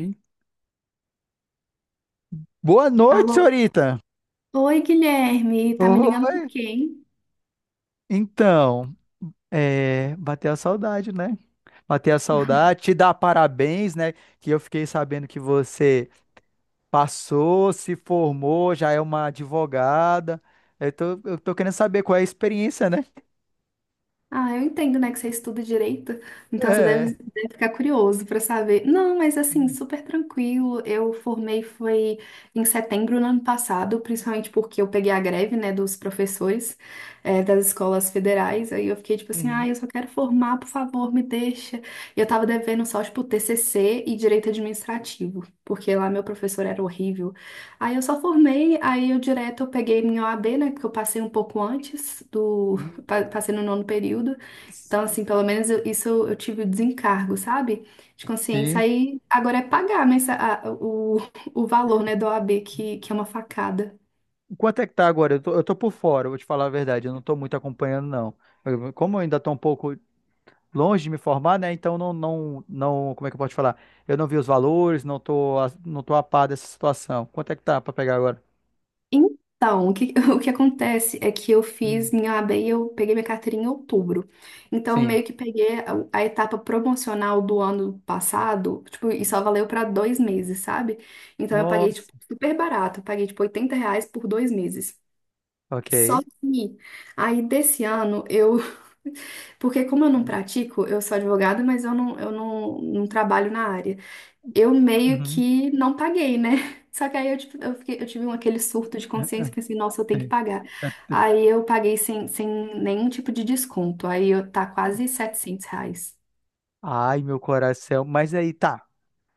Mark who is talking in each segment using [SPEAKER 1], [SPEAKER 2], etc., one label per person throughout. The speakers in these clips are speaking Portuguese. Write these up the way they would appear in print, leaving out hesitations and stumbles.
[SPEAKER 1] Hum. Boa noite,
[SPEAKER 2] Alô?
[SPEAKER 1] senhorita.
[SPEAKER 2] Oi, Guilherme. Tá me ligando por
[SPEAKER 1] Oi.
[SPEAKER 2] quê, hein?
[SPEAKER 1] Então, é, bateu a saudade, né? Bateu a saudade, te dar parabéns, né? Que eu fiquei sabendo que você passou, se formou, já é uma advogada. Eu tô querendo saber qual é a experiência, né?
[SPEAKER 2] Ah, eu entendo, né, que você estuda direito, então você deve,
[SPEAKER 1] É.
[SPEAKER 2] deve ficar curioso para saber. Não, mas assim, super tranquilo. Eu formei foi em setembro do ano passado, principalmente porque eu peguei a greve, né, dos professores, das escolas federais. Aí eu fiquei tipo assim,
[SPEAKER 1] Uhum.
[SPEAKER 2] ah, eu só quero formar, por favor, me deixa. E eu tava devendo só, tipo, TCC e direito administrativo, porque lá meu professor era horrível. Aí eu só formei, aí eu direto eu peguei minha OAB, né, porque eu passei um pouco antes
[SPEAKER 1] Uhum.
[SPEAKER 2] passei no nono período. Então, assim, pelo menos isso eu tive o desencargo, sabe? De consciência.
[SPEAKER 1] Sim.
[SPEAKER 2] Aí agora é pagar, mas o valor, né, da OAB, que é uma facada.
[SPEAKER 1] Quanto é que tá agora? Eu tô por fora, vou te falar a verdade. Eu não tô muito acompanhando, não. Eu, como eu ainda tô um pouco longe de me formar, né? Então não, como é que eu posso te falar? Eu não vi os valores, não tô, a- não tô a par dessa situação. Quanto é que tá pra pegar agora?
[SPEAKER 2] Então, o que acontece é que eu
[SPEAKER 1] Hum.
[SPEAKER 2] fiz minha OAB e eu peguei minha carteirinha em outubro. Então,
[SPEAKER 1] Sim.
[SPEAKER 2] meio que peguei a etapa promocional do ano passado, tipo, e só valeu para 2 meses, sabe? Então, eu paguei,
[SPEAKER 1] Nossa.
[SPEAKER 2] tipo, super barato. Eu paguei, tipo, R$ 80 por 2 meses.
[SPEAKER 1] Ok.
[SPEAKER 2] Só que aí desse ano eu. Porque como eu não pratico, eu sou advogada, mas eu não trabalho na área. Eu meio
[SPEAKER 1] Uhum.
[SPEAKER 2] que não paguei, né? Só que aí tipo, eu tive aquele surto de consciência, pensei, nossa, eu tenho que
[SPEAKER 1] Sim.
[SPEAKER 2] pagar.
[SPEAKER 1] É, é-
[SPEAKER 2] Aí eu paguei sem nenhum tipo de desconto. Aí eu, tá quase R$ 700.
[SPEAKER 1] Ai, meu coração. Mas aí, tá,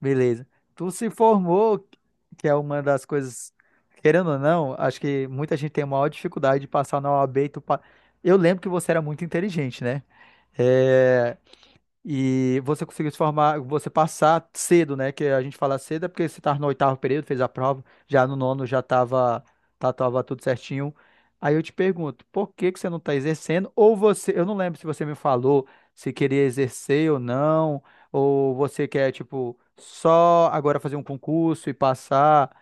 [SPEAKER 1] beleza. Tu se formou, que é uma das coisas, querendo ou não, acho que muita gente tem a maior dificuldade de passar na OAB. E tu pa... Eu lembro que você era muito inteligente, né? É, e você conseguiu se formar, você passar cedo, né? Que a gente fala cedo é porque você estava no oitavo período, fez a prova, já no nono já estava tá, tava tudo certinho. Aí eu te pergunto, por que que você não está exercendo? Ou você, eu não lembro se você me falou se queria exercer ou não, ou você quer, tipo, só agora fazer um concurso e passar,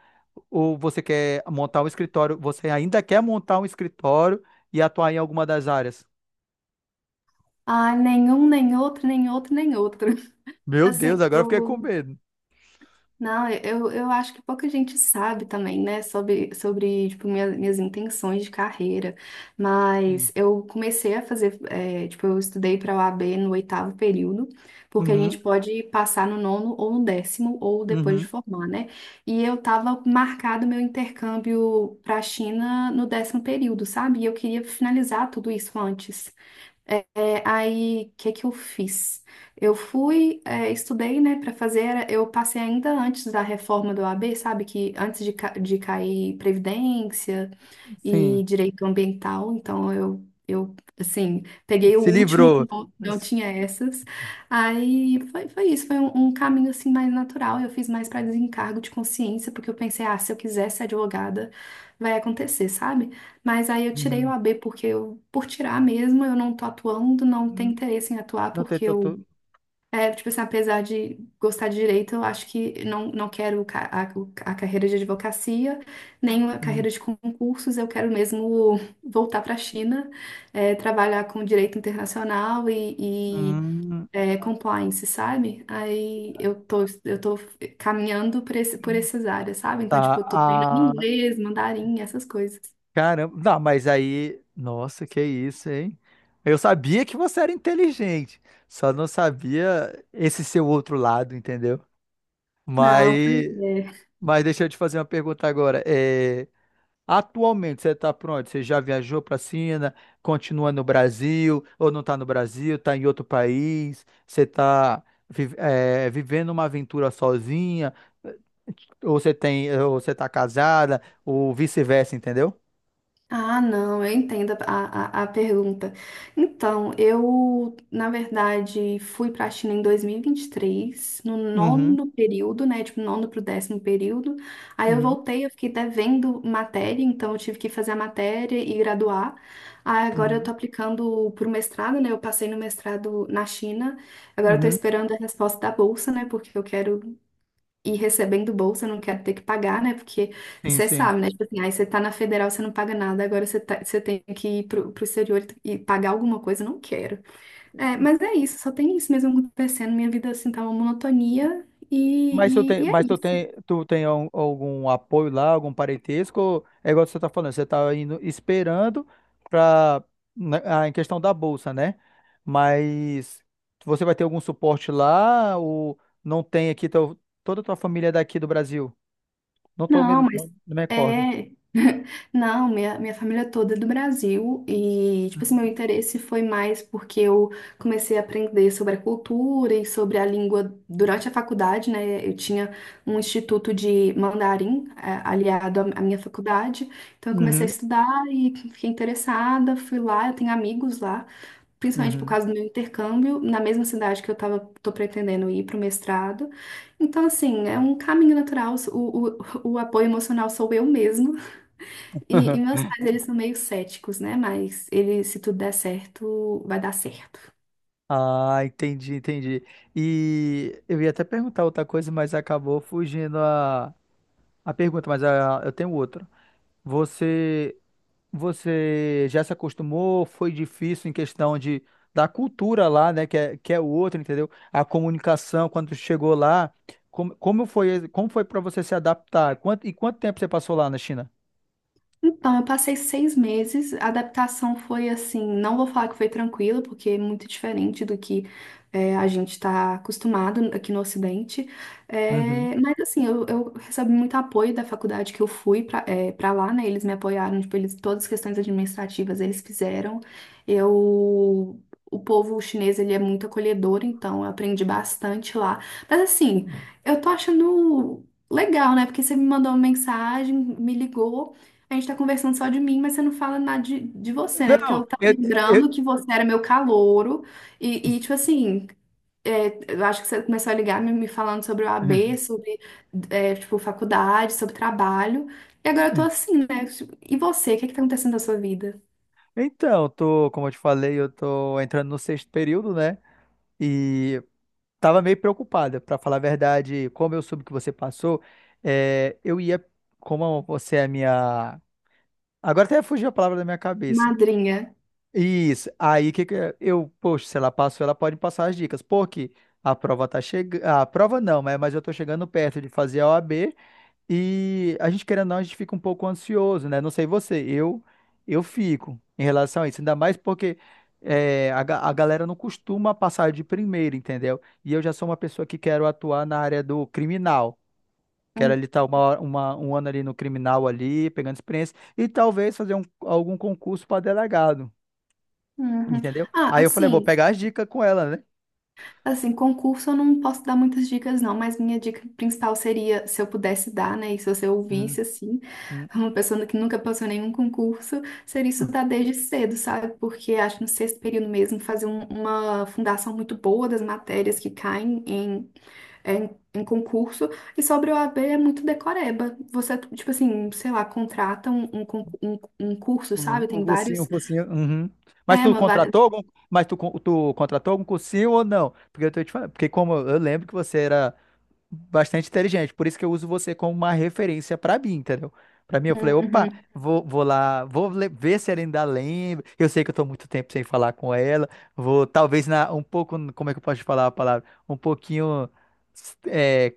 [SPEAKER 1] ou você quer montar um escritório, você ainda quer montar um escritório e atuar em alguma das áreas.
[SPEAKER 2] Ah, nenhum, nem outro, nem outro, nem outro.
[SPEAKER 1] Meu
[SPEAKER 2] Assim,
[SPEAKER 1] Deus, agora eu fiquei com
[SPEAKER 2] eu
[SPEAKER 1] medo.
[SPEAKER 2] não, eu acho que pouca gente sabe também, né, sobre tipo, minhas intenções de carreira. Mas
[SPEAKER 1] Sim.
[SPEAKER 2] eu comecei a fazer, tipo, eu estudei para a OAB no oitavo período, porque a gente
[SPEAKER 1] Uhum.
[SPEAKER 2] pode passar no nono ou no décimo, ou depois de
[SPEAKER 1] Uhum,
[SPEAKER 2] formar, né? E eu tava marcado meu intercâmbio para a China no décimo período, sabe? E eu queria finalizar tudo isso antes. Aí, o que que eu fiz? Eu fui, estudei, né, para fazer, eu passei ainda antes da reforma do OAB, sabe, que antes de cair Previdência,
[SPEAKER 1] sim,
[SPEAKER 2] e direito ambiental, então eu assim, peguei o
[SPEAKER 1] se
[SPEAKER 2] último
[SPEAKER 1] livrou.
[SPEAKER 2] que não tinha essas. Aí foi isso, foi um caminho assim mais natural. Eu fiz mais para desencargo de consciência, porque eu pensei, ah, se eu quiser ser advogada, vai acontecer, sabe? Mas aí eu tirei o
[SPEAKER 1] Uhum.
[SPEAKER 2] AB porque eu, por tirar mesmo, eu não tô atuando, não tenho interesse em atuar
[SPEAKER 1] Não tem
[SPEAKER 2] porque
[SPEAKER 1] tanto.
[SPEAKER 2] tipo assim, apesar de gostar de direito, eu acho que não quero a carreira de advocacia, nem a
[SPEAKER 1] Uhum.
[SPEAKER 2] carreira de concursos, eu quero mesmo voltar para a China, é, trabalhar com direito internacional e, e,
[SPEAKER 1] Hum.
[SPEAKER 2] é, compliance, sabe? Aí eu tô caminhando por essas áreas, sabe? Então,
[SPEAKER 1] Tá,
[SPEAKER 2] tipo, eu tô treinando
[SPEAKER 1] ah,
[SPEAKER 2] inglês, mandarim, essas coisas.
[SPEAKER 1] caramba. Não, mas aí, nossa, que isso, hein? Eu sabia que você era inteligente, só não sabia esse seu outro lado, entendeu?
[SPEAKER 2] Não, pois
[SPEAKER 1] Mas,
[SPEAKER 2] é.
[SPEAKER 1] mas deixa eu te fazer uma pergunta agora. É, atualmente, você está pronto? Você já viajou para a China? Continua no Brasil? Ou não está no Brasil? Está em outro país? Você está vivendo uma aventura sozinha? Ou você tem, ou você está casada? Ou vice-versa, entendeu?
[SPEAKER 2] Ah, não, eu entendo a pergunta. Então, eu, na verdade, fui para a China em 2023, no
[SPEAKER 1] Uhum,
[SPEAKER 2] nono período, né? Tipo, nono para o décimo período. Aí eu
[SPEAKER 1] uhum,
[SPEAKER 2] voltei, eu fiquei devendo matéria, então eu tive que fazer a matéria e graduar. Aí agora eu
[SPEAKER 1] uhum,
[SPEAKER 2] tô aplicando para o mestrado, né? Eu passei no mestrado na China. Agora eu tô
[SPEAKER 1] uhum.
[SPEAKER 2] esperando a resposta da bolsa, né? Porque eu quero e recebendo bolsa, eu não quero ter que pagar, né? Porque
[SPEAKER 1] Sim,
[SPEAKER 2] você
[SPEAKER 1] sim.
[SPEAKER 2] sabe, né? Tipo assim, aí você tá na federal, você não paga nada, agora você tem que ir pro, exterior e pagar alguma coisa, eu não quero. É, mas é isso, só tem isso mesmo acontecendo. Minha vida, assim, tá uma monotonia e, e, e é isso.
[SPEAKER 1] Tu tem al- algum apoio lá, algum parentesco? Ou é igual você tá falando, você tá indo esperando para em questão da bolsa, né? Mas você vai ter algum suporte lá ou não tem aqui teu, toda a tua família é daqui do Brasil?
[SPEAKER 2] Não, mas
[SPEAKER 1] Não me recordo.
[SPEAKER 2] é. Não, minha família toda é do Brasil e, tipo assim, meu interesse foi mais porque eu comecei a aprender sobre a cultura e sobre a língua durante a faculdade, né? Eu tinha um instituto de mandarim, aliado à minha faculdade, então eu comecei a
[SPEAKER 1] Uhum,
[SPEAKER 2] estudar e fiquei interessada, fui lá, eu tenho amigos lá principalmente por
[SPEAKER 1] uhum.
[SPEAKER 2] causa do meu intercâmbio, na mesma cidade que eu tava, tô pretendendo ir para o mestrado. Então, assim, é um caminho natural, o apoio emocional sou eu mesma. E meus pais, eles são meio céticos, né? Mas ele, se tudo der certo, vai dar certo.
[SPEAKER 1] Ah, entendi, entendi. E eu ia até perguntar outra coisa, mas acabou fugindo a pergunta, mas a, eu tenho outra. Você Você já se acostumou? Foi difícil em questão de da cultura lá, né? Que é outra, entendeu? A comunicação quando chegou lá, como foi, como foi para você se adaptar? Quanto, e quanto tempo você passou lá na China?
[SPEAKER 2] Então, eu passei 6 meses. A adaptação foi assim, não vou falar que foi tranquila, porque é muito diferente do que a gente está acostumado aqui no Ocidente.
[SPEAKER 1] Uhum.
[SPEAKER 2] É, mas assim, eu recebi muito apoio da faculdade que eu fui para lá, né? Eles me apoiaram, tipo, todas as questões administrativas eles fizeram. Eu O povo chinês, ele é muito acolhedor, então eu aprendi bastante lá. Mas assim, eu tô achando legal, né? Porque você me mandou uma mensagem, me ligou, a gente tá conversando só de mim, mas você não fala nada de você, né? Porque
[SPEAKER 1] Não,
[SPEAKER 2] eu tava lembrando
[SPEAKER 1] eu-
[SPEAKER 2] que você era meu calouro e, tipo assim, eu acho que você começou a ligar me falando sobre o AB, sobre, tipo, faculdade, sobre trabalho. E agora eu tô assim, né? Tipo, e você, o que é que tá acontecendo na sua vida?
[SPEAKER 1] Então, tô, como eu te falei, eu tô entrando no sexto período, né? E tava meio preocupada, pra falar a verdade, como eu soube que você passou, é, eu ia, como você é a minha, agora até fugiu a palavra da minha cabeça.
[SPEAKER 2] Madrinha.
[SPEAKER 1] Isso. Aí que é? Eu, poxa, se ela passou, ela pode passar as dicas. Porque a prova tá chegando. A prova não, né? Mas eu tô chegando perto de fazer a OAB e a gente, querendo ou não, a gente fica um pouco ansioso, né? Não sei você, eu fico em relação a isso. Ainda mais porque é, a, ga- a galera não costuma passar de primeiro, entendeu? E eu já sou uma pessoa que quero atuar na área do criminal. Quero ali estar uma, hora- uma, um ano ali no criminal ali, pegando experiência, e talvez fazer um, algum concurso para delegado,
[SPEAKER 2] Uhum.
[SPEAKER 1] entendeu?
[SPEAKER 2] Ah,
[SPEAKER 1] Aí eu falei, vou
[SPEAKER 2] assim,
[SPEAKER 1] pegar as dicas com ela, né?
[SPEAKER 2] Assim, concurso eu não posso dar muitas dicas, não, mas minha dica principal seria, se eu pudesse dar, né, e se você
[SPEAKER 1] Uhum,
[SPEAKER 2] ouvisse, assim,
[SPEAKER 1] uhum,
[SPEAKER 2] uma pessoa que nunca passou nenhum concurso, seria estudar desde cedo, sabe? Porque acho que no sexto período mesmo, fazer uma fundação muito boa das matérias que caem em concurso, e sobre o OAB é muito decoreba. Você, tipo assim, sei lá, contrata um curso,
[SPEAKER 1] uhum,
[SPEAKER 2] sabe?
[SPEAKER 1] Um
[SPEAKER 2] Tem
[SPEAKER 1] cursinho, um
[SPEAKER 2] vários.
[SPEAKER 1] cursinho. Uhum. Mas
[SPEAKER 2] É.
[SPEAKER 1] tu contratou algum, tu contratou algum cursinho ou não? Porque eu tô te falando, porque como eu lembro que você era bastante inteligente. Por isso que eu uso você como uma referência para mim, entendeu? Para mim, eu falei, opa,
[SPEAKER 2] Uhum.
[SPEAKER 1] vou lá, vou le- ver se ela ainda lembra. Eu sei que eu tô muito tempo sem falar com ela. Vou, talvez, na, um pouco, como é que eu posso falar a palavra? Um pouquinho, é,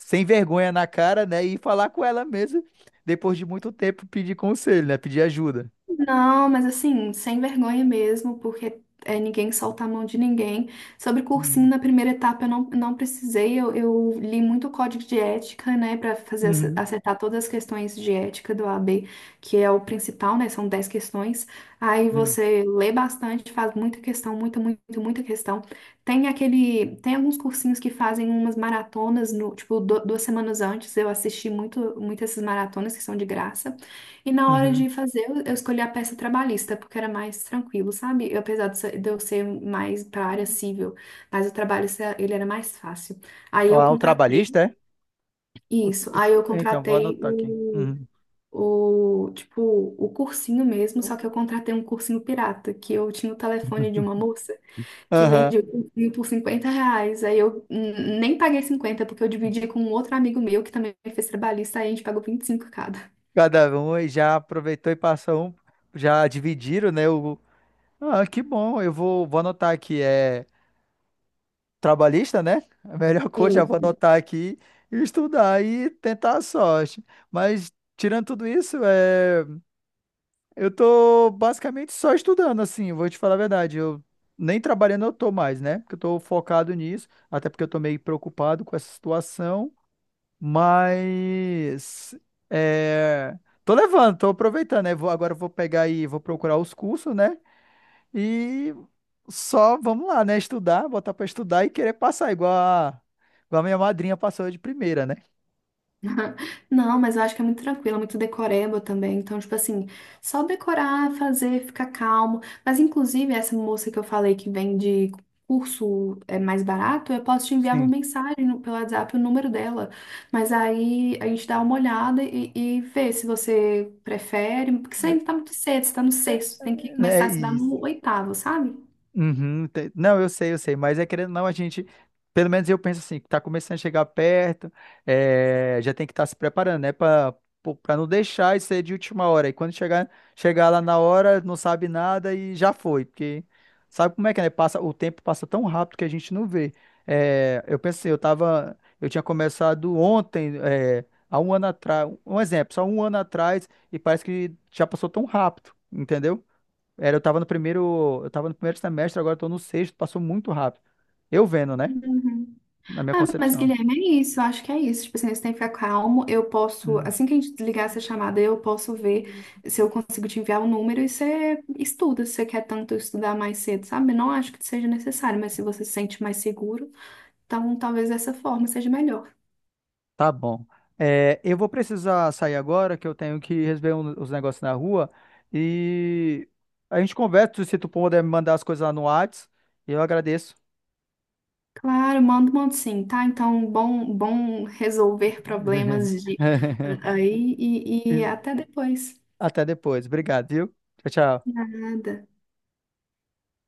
[SPEAKER 1] sem vergonha na cara, né? E falar com ela mesmo, depois de muito tempo, pedir conselho, né? Pedir ajuda.
[SPEAKER 2] Não, mas assim, sem vergonha mesmo, porque ninguém solta a mão de ninguém. Sobre cursinho,
[SPEAKER 1] Uhum.
[SPEAKER 2] na primeira etapa eu não precisei, eu li muito o código de ética, né, para fazer
[SPEAKER 1] Uhum.
[SPEAKER 2] acertar todas as questões de ética do AB, que é o principal, né, são 10 questões. Aí
[SPEAKER 1] Sim.
[SPEAKER 2] você lê bastante, faz muita questão, muita, muito, muita questão. Tem alguns cursinhos que fazem umas maratonas, no, tipo, 2 semanas antes, eu assisti muito, muito essas maratonas que são de graça. E na hora
[SPEAKER 1] Uhum.
[SPEAKER 2] de fazer, eu escolhi a peça trabalhista, porque era mais tranquilo, sabe? Eu, apesar de eu ser mais para área civil, mas o trabalhista, ele era mais fácil. Aí
[SPEAKER 1] Ó,
[SPEAKER 2] eu
[SPEAKER 1] o
[SPEAKER 2] contratei
[SPEAKER 1] trabalhista, é? O-
[SPEAKER 2] isso,
[SPEAKER 1] o-
[SPEAKER 2] aí eu
[SPEAKER 1] então, vou
[SPEAKER 2] contratei
[SPEAKER 1] anotar aqui. Uhum.
[SPEAKER 2] o, tipo, o cursinho mesmo, só que eu contratei um cursinho pirata, que eu tinha o telefone de uma moça que
[SPEAKER 1] Aham.
[SPEAKER 2] vendia o cursinho por R$ 50, aí eu nem paguei 50 porque eu dividi com um outro amigo meu, que também fez trabalhista, aí a gente pagou 25 cada.
[SPEAKER 1] Cada um e já aproveitou e passou um, já dividiram, né? O, ah, que bom, eu vou, vou anotar aqui, é trabalhista, né? A melhor coisa, já vou anotar aqui e estudar e tentar a sorte. Mas tirando tudo isso, é, eu tô basicamente só estudando, assim, vou te falar a verdade, eu nem trabalhando eu tô mais, né? Porque eu tô focado nisso, até porque eu tô meio preocupado com essa situação. Mas é, tô levando, tô aproveitando, né? Vou, agora eu vou pegar e vou procurar os cursos, né? E só vamos lá, né? Estudar, botar pra estudar e querer passar, igual a minha madrinha passou de primeira, né?
[SPEAKER 2] Não, mas eu acho que é muito tranquilo, é muito decoreba também. Então, tipo assim, só decorar, fazer, ficar calmo. Mas, inclusive, essa moça que eu falei que vende curso é mais barato, eu posso te enviar uma
[SPEAKER 1] Sim.
[SPEAKER 2] mensagem pelo WhatsApp, o número dela. Mas aí a gente dá uma olhada e vê se você prefere. Porque você
[SPEAKER 1] É,
[SPEAKER 2] ainda tá muito cedo, você tá no sexto, tem que
[SPEAKER 1] é
[SPEAKER 2] começar a estudar
[SPEAKER 1] isso.
[SPEAKER 2] no oitavo, sabe?
[SPEAKER 1] Uhum, te- não, eu sei, mas é querendo ou não, a gente, pelo menos eu penso assim, que tá começando a chegar perto, é, já tem que estar se preparando, né, para não deixar isso aí de última hora. E quando chegar, chegar lá na hora, não sabe nada e já foi, porque sabe como é que é, né? Passa, o tempo passa tão rápido que a gente não vê. É, eu pensei, eu tava, eu tinha começado ontem, é, há um ano atrás, um exemplo, só um ano atrás, e parece que já passou tão rápido, entendeu? Era, eu tava no primeiro semestre, agora eu tô no sexto, passou muito rápido. Eu vendo, né?
[SPEAKER 2] Uhum.
[SPEAKER 1] Na minha
[SPEAKER 2] Ah, mas
[SPEAKER 1] concepção.
[SPEAKER 2] Guilherme, é isso, eu acho que é isso. Tipo assim, você tem que ficar calmo. Eu posso,
[SPEAKER 1] Hum,
[SPEAKER 2] assim que a gente desligar essa chamada, eu posso ver se eu consigo te enviar o número e você estuda, se você quer tanto estudar mais cedo, sabe? Não acho que seja necessário, mas se você se sente mais seguro, então talvez dessa forma seja melhor.
[SPEAKER 1] tá bom. É, eu vou precisar sair agora, que eu tenho que resolver os negócios na rua. E a gente conversa, se tu puder me mandar as coisas lá no Whats, eu agradeço.
[SPEAKER 2] Claro, mando, mando sim, tá? Então, bom, bom resolver problemas de ah, aí e até depois.
[SPEAKER 1] Até depois. Obrigado, viu? Tchau, tchau.
[SPEAKER 2] Nada.